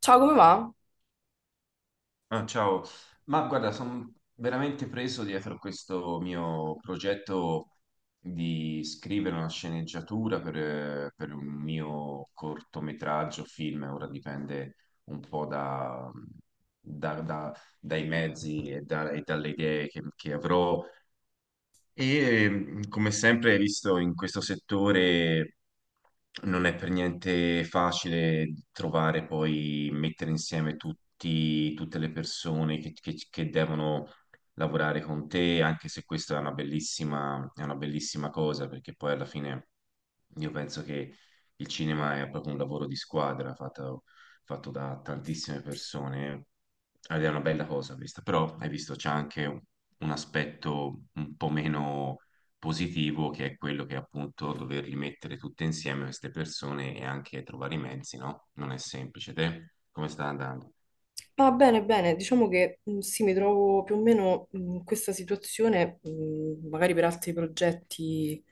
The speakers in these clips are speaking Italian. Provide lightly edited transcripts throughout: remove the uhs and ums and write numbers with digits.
Ciao, come va? Ah, ciao, ma guarda, sono veramente preso dietro questo mio progetto di scrivere una sceneggiatura per un mio cortometraggio, film, ora dipende un po' da- da- dai mezzi e, e dalle idee che avrò, e come sempre, hai visto in questo settore non è per niente facile trovare poi mettere insieme tutte le persone che devono lavorare con te, anche se questa è una è una bellissima cosa, perché poi alla fine io penso che il cinema è proprio un lavoro di squadra fatto da tantissime persone ed è una bella cosa questa, però hai visto c'è anche un aspetto un po' meno positivo, che è quello che appunto doverli mettere tutte insieme queste persone e anche trovare i mezzi, no? Non è semplice. Te come sta andando? Va bene, bene. Diciamo che sì, mi trovo più o meno in questa situazione, magari per altri progetti,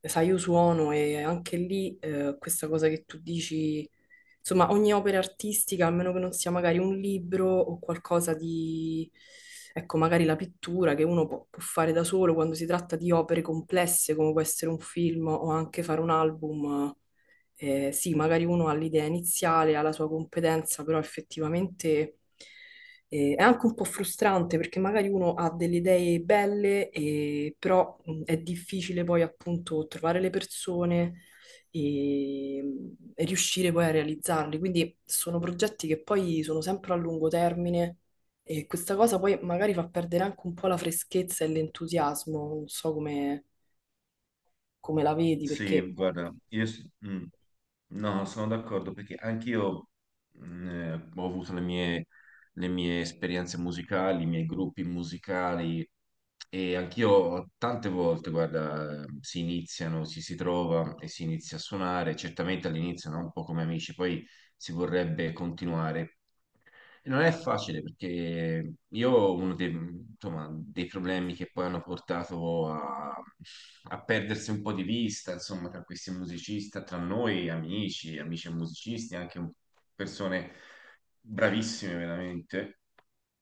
sai, io suono e anche lì questa cosa che tu dici, insomma, ogni opera artistica, a meno che non sia magari un libro o qualcosa di, ecco, magari la pittura che uno può fare da solo quando si tratta di opere complesse come può essere un film o anche fare un album. Sì, magari uno ha l'idea iniziale, ha la sua competenza, però effettivamente è anche un po' frustrante perché magari uno ha delle idee belle, però è difficile poi appunto trovare le persone e riuscire poi a realizzarli. Quindi sono progetti che poi sono sempre a lungo termine e questa cosa poi magari fa perdere anche un po' la freschezza e l'entusiasmo, non so come, come la vedi, Sì, perché... guarda, io, s- mm. No, sono d'accordo perché anch'io ho avuto le mie esperienze musicali, i miei gruppi musicali e anch'io tante volte, guarda, si iniziano, ci si trova e si inizia a suonare, certamente all'inizio, no? Un po' come amici, poi si vorrebbe continuare. E non è facile perché io uno dei, insomma, dei problemi che poi hanno portato a perdersi un po' di vista, insomma, tra questi musicisti, tra noi amici, amici e musicisti, persone bravissime veramente,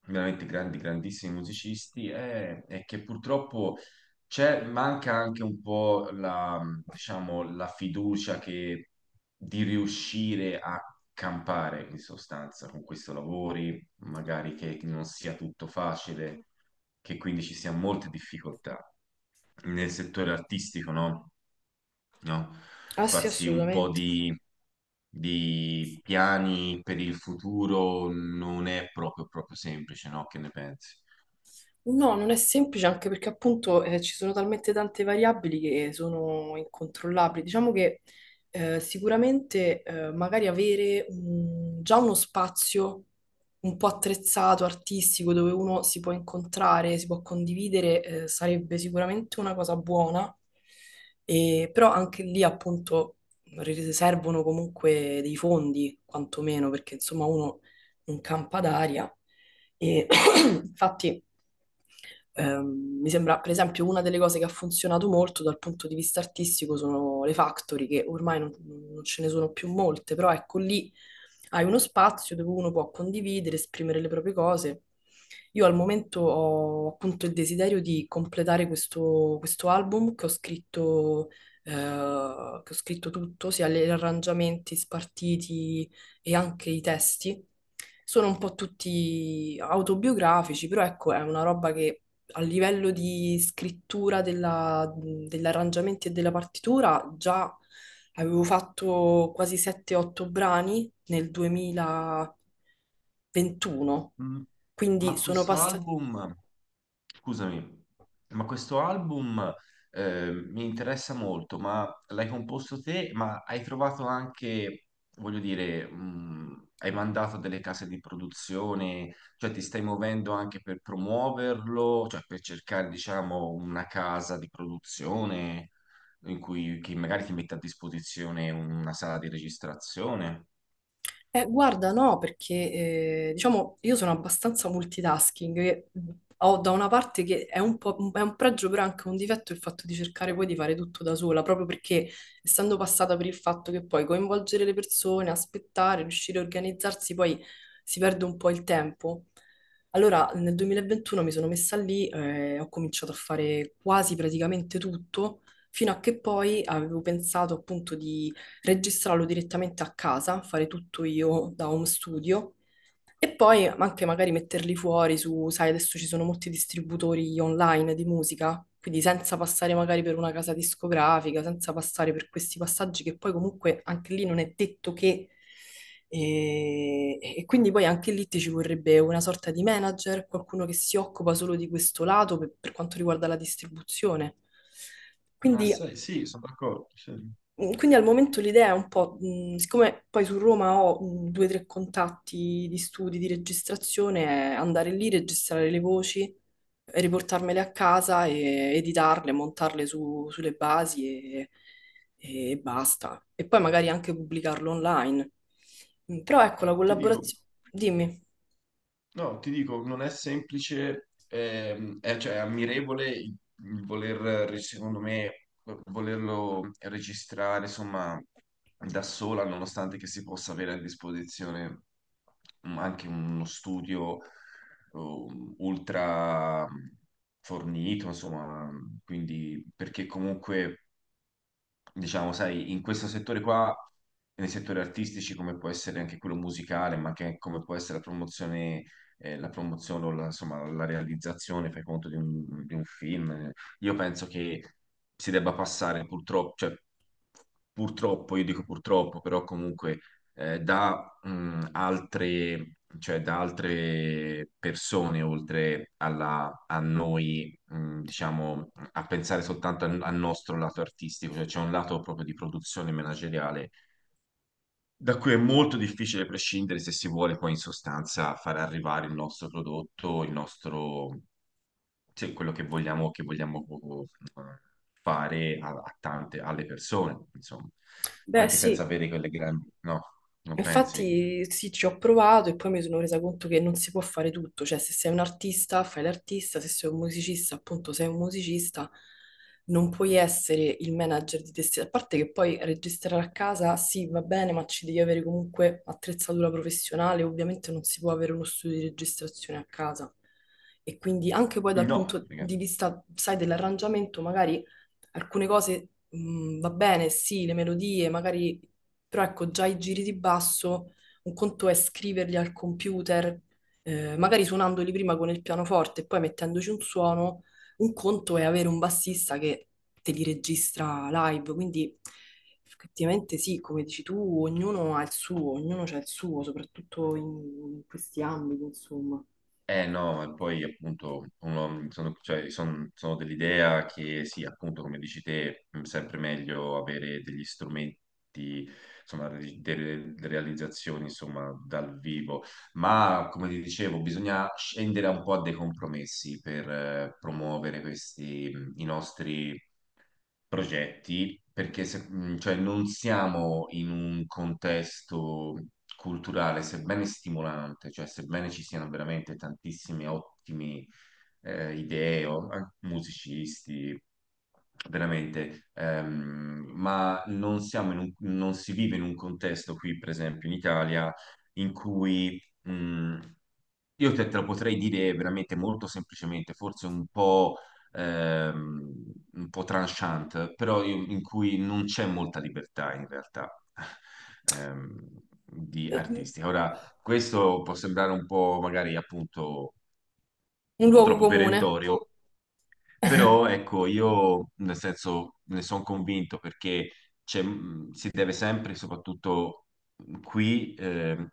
veramente grandi, grandissimi musicisti, è che purtroppo manca anche un po' la, diciamo, la fiducia di riuscire a campare in sostanza con questo lavori, magari che non sia tutto facile, che quindi ci siano molte difficoltà. Nel settore artistico, no? No? Ah sì, Farsi un po' assolutamente. Di piani per il futuro non è proprio semplice, no? Che ne pensi? No, non è semplice anche perché appunto ci sono talmente tante variabili che sono incontrollabili. Diciamo che sicuramente magari avere già uno spazio un po' attrezzato, artistico, dove uno si può incontrare, si può condividere, sarebbe sicuramente una cosa buona. Però anche lì appunto servono comunque dei fondi, quantomeno, perché insomma uno non campa d'aria. E infatti. Mi sembra, per esempio, una delle cose che ha funzionato molto dal punto di vista artistico sono le factory, che ormai non ce ne sono più molte, però ecco lì hai uno spazio dove uno può condividere, esprimere le proprie cose. Io al momento ho appunto il desiderio di completare questo album che ho scritto tutto, sia gli arrangiamenti spartiti e anche i testi. Sono un po' tutti autobiografici, però ecco, è una roba che a livello di scrittura degli arrangiamenti e della partitura, già avevo fatto quasi 7-8 brani nel 2021, Mm, quindi Ma sono questo passati. album, scusami, ma questo album mi interessa molto, ma l'hai composto te, ma hai trovato anche, voglio dire, hai mandato a delle case di produzione, cioè ti stai muovendo anche per promuoverlo, cioè per cercare, diciamo, una casa di produzione in cui che magari ti mette a disposizione una sala di registrazione. Guarda, no, perché diciamo io sono abbastanza multitasking, e ho da una parte che è un è un pregio, però è anche un difetto il fatto di cercare poi di fare tutto da sola, proprio perché essendo passata per il fatto che poi coinvolgere le persone, aspettare, riuscire a organizzarsi, poi si perde un po' il tempo. Allora, nel 2021 mi sono messa lì, ho cominciato a fare quasi praticamente tutto, fino a che poi avevo pensato appunto registrarlo direttamente a casa, fare tutto io da home studio e poi anche magari metterli fuori su, sai, adesso ci sono molti distributori online di musica, quindi senza passare magari per una casa discografica, senza passare per questi passaggi che poi comunque anche lì non è detto che... E quindi poi anche lì ti ci vorrebbe una sorta di manager, qualcuno che si occupa solo di questo lato per quanto riguarda la distribuzione. Ah, Quindi. sai, sì, sono d'accordo. Sì. Mm. Quindi al momento l'idea è un po', siccome poi su Roma ho due o tre contatti di studi, di registrazione, è andare lì, registrare le voci, riportarmele a casa e editarle, montarle sulle basi e basta. E poi magari anche pubblicarlo online. Mm. Però ecco, la Ti dico. collaborazione... Dimmi. No, ti dico, non è semplice, è, cioè, è ammirevole il voler, secondo me, volerlo registrare, insomma, da sola, nonostante che si possa avere a disposizione anche uno studio ultra fornito, insomma, quindi perché comunque diciamo, sai, in questo settore qua, nei settori artistici come può essere anche quello musicale, ma anche come può essere la promozione o la, insomma, la realizzazione, fai conto, di un film, io penso che si debba passare purtroppo, cioè, purtroppo, io dico purtroppo, però comunque da altre... Cioè, da altre persone oltre a noi diciamo, a pensare soltanto al nostro lato artistico, cioè c'è un lato proprio di produzione manageriale da cui è molto difficile prescindere se si vuole poi in sostanza far arrivare il nostro prodotto, il nostro, cioè, quello che vogliamo, eh, fare a tante, alle persone, insomma, Beh, anche senza sì. avere quelle grandi, no, non pensi? Infatti sì, ci ho provato e poi mi sono resa conto che non si può fare tutto, cioè se sei un artista fai l'artista, se sei un musicista appunto sei un musicista, non puoi essere il manager di te stesso, a parte che poi registrare a casa sì va bene, ma ci devi avere comunque attrezzatura professionale, ovviamente non si può avere uno studio di registrazione a casa e quindi anche poi dal No, punto di vista, sai, dell'arrangiamento magari alcune cose... Mm, va bene, sì, le melodie, magari però ecco, già i giri di basso, un conto è scriverli al computer, magari suonandoli prima con il pianoforte e poi mettendoci un suono, un conto è avere un bassista che te li registra live, quindi effettivamente sì, come dici tu, ognuno ha il suo, ognuno c'ha il suo, soprattutto in questi ambiti, insomma. eh no, e poi appunto sono, cioè, sono dell'idea che sì, appunto come dici te, è sempre meglio avere degli strumenti, insomma, delle realizzazioni, insomma, dal vivo, ma come vi dicevo, bisogna scendere un po' a dei compromessi per promuovere questi, i nostri progetti, perché cioè, non siamo in un contesto culturale, sebbene stimolante, cioè sebbene ci siano veramente tantissime ottime idee, musicisti, veramente, ma non siamo non si vive in un contesto qui, per esempio, in Italia in cui Mm, io te, te lo potrei dire veramente molto semplicemente, forse ehm, un po' tranchant, però in cui non c'è molta libertà in realtà di Eh, artistica. Ora, questo può sembrare un po' magari appunto Un un po' luogo troppo comune. perentorio, però ecco, io nel senso ne sono convinto perché si deve sempre, soprattutto qui, ehm,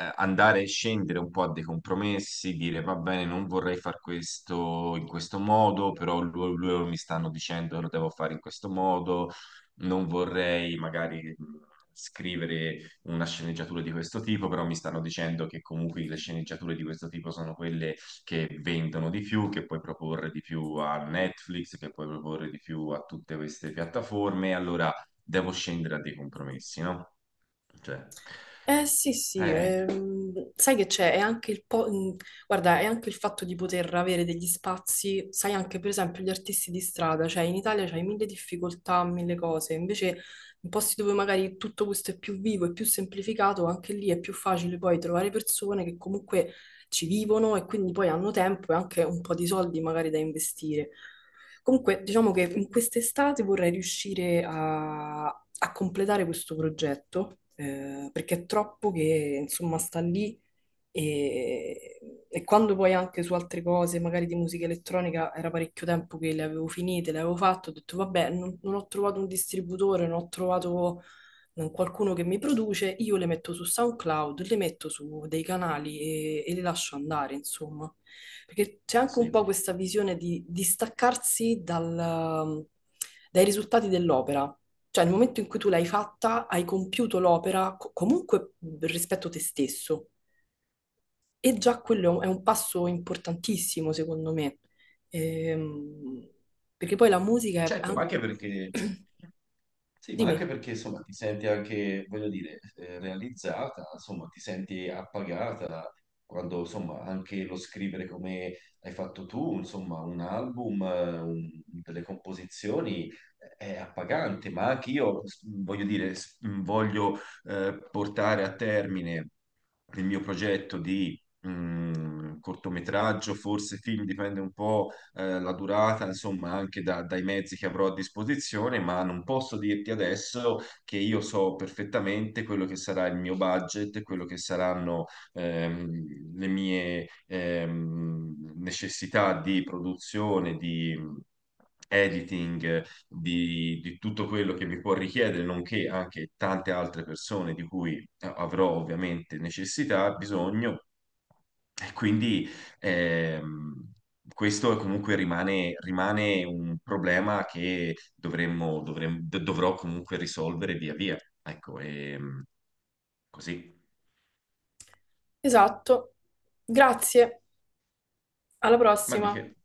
eh, andare e scendere un po' a dei compromessi, dire va bene, non vorrei far questo in questo modo, però loro mi stanno dicendo che lo devo fare in questo modo, non vorrei magari scrivere una sceneggiatura di questo tipo, però mi stanno dicendo che comunque le sceneggiature di questo tipo sono quelle che vendono di più, che puoi proporre di più a Netflix, che puoi proporre di più a tutte queste piattaforme, allora devo scendere a dei compromessi, no? Cioè, Eh sì, sì, eh, sai che c'è, è anche il guarda, è anche il fatto di poter avere degli spazi, sai anche per esempio gli artisti di strada, cioè in Italia c'hai mille difficoltà, mille cose, invece in posti dove magari tutto questo è più vivo e più semplificato, anche lì è più facile poi trovare persone che comunque ci vivono e quindi poi hanno tempo e anche un po' di soldi magari da investire. Comunque, diciamo che in quest'estate vorrei riuscire a completare questo progetto, perché è troppo che, insomma, sta lì e, e quando poi anche su altre cose, magari di musica elettronica, era parecchio tempo che le avevo finite, le avevo fatte, ho detto vabbè, non ho trovato un distributore, non ho trovato qualcuno che mi produce, io le metto su SoundCloud, le metto su dei canali e le lascio andare, insomma. Perché c'è anche un po' sì, questa visione di distaccarsi dai risultati dell'opera. Cioè, nel momento in cui tu l'hai fatta, hai compiuto l'opera comunque rispetto a te stesso. E già quello è un passo importantissimo, secondo me. Ehm, perché poi la musica è... certo, ma anche perché sì, ma anche Dimmi. perché insomma ti senti anche, voglio dire, realizzata, insomma ti senti appagata quando insomma anche lo scrivere come hai fatto tu, insomma un album, delle composizioni è appagante, ma anche voglio dire, voglio portare a termine il mio progetto di cortometraggio, forse film, dipende un po' la durata, insomma, anche dai mezzi che avrò a disposizione, ma non posso dirti adesso che io so perfettamente quello che sarà il mio budget, quello che saranno le mie necessità di produzione, di editing di tutto quello che mi può richiedere, nonché anche tante altre persone di cui avrò ovviamente necessità, bisogno, e quindi ehm, questo è comunque rimane un problema che dovrò comunque risolvere via via. Ecco, così. Esatto. Grazie. Alla Ma di prossima. che?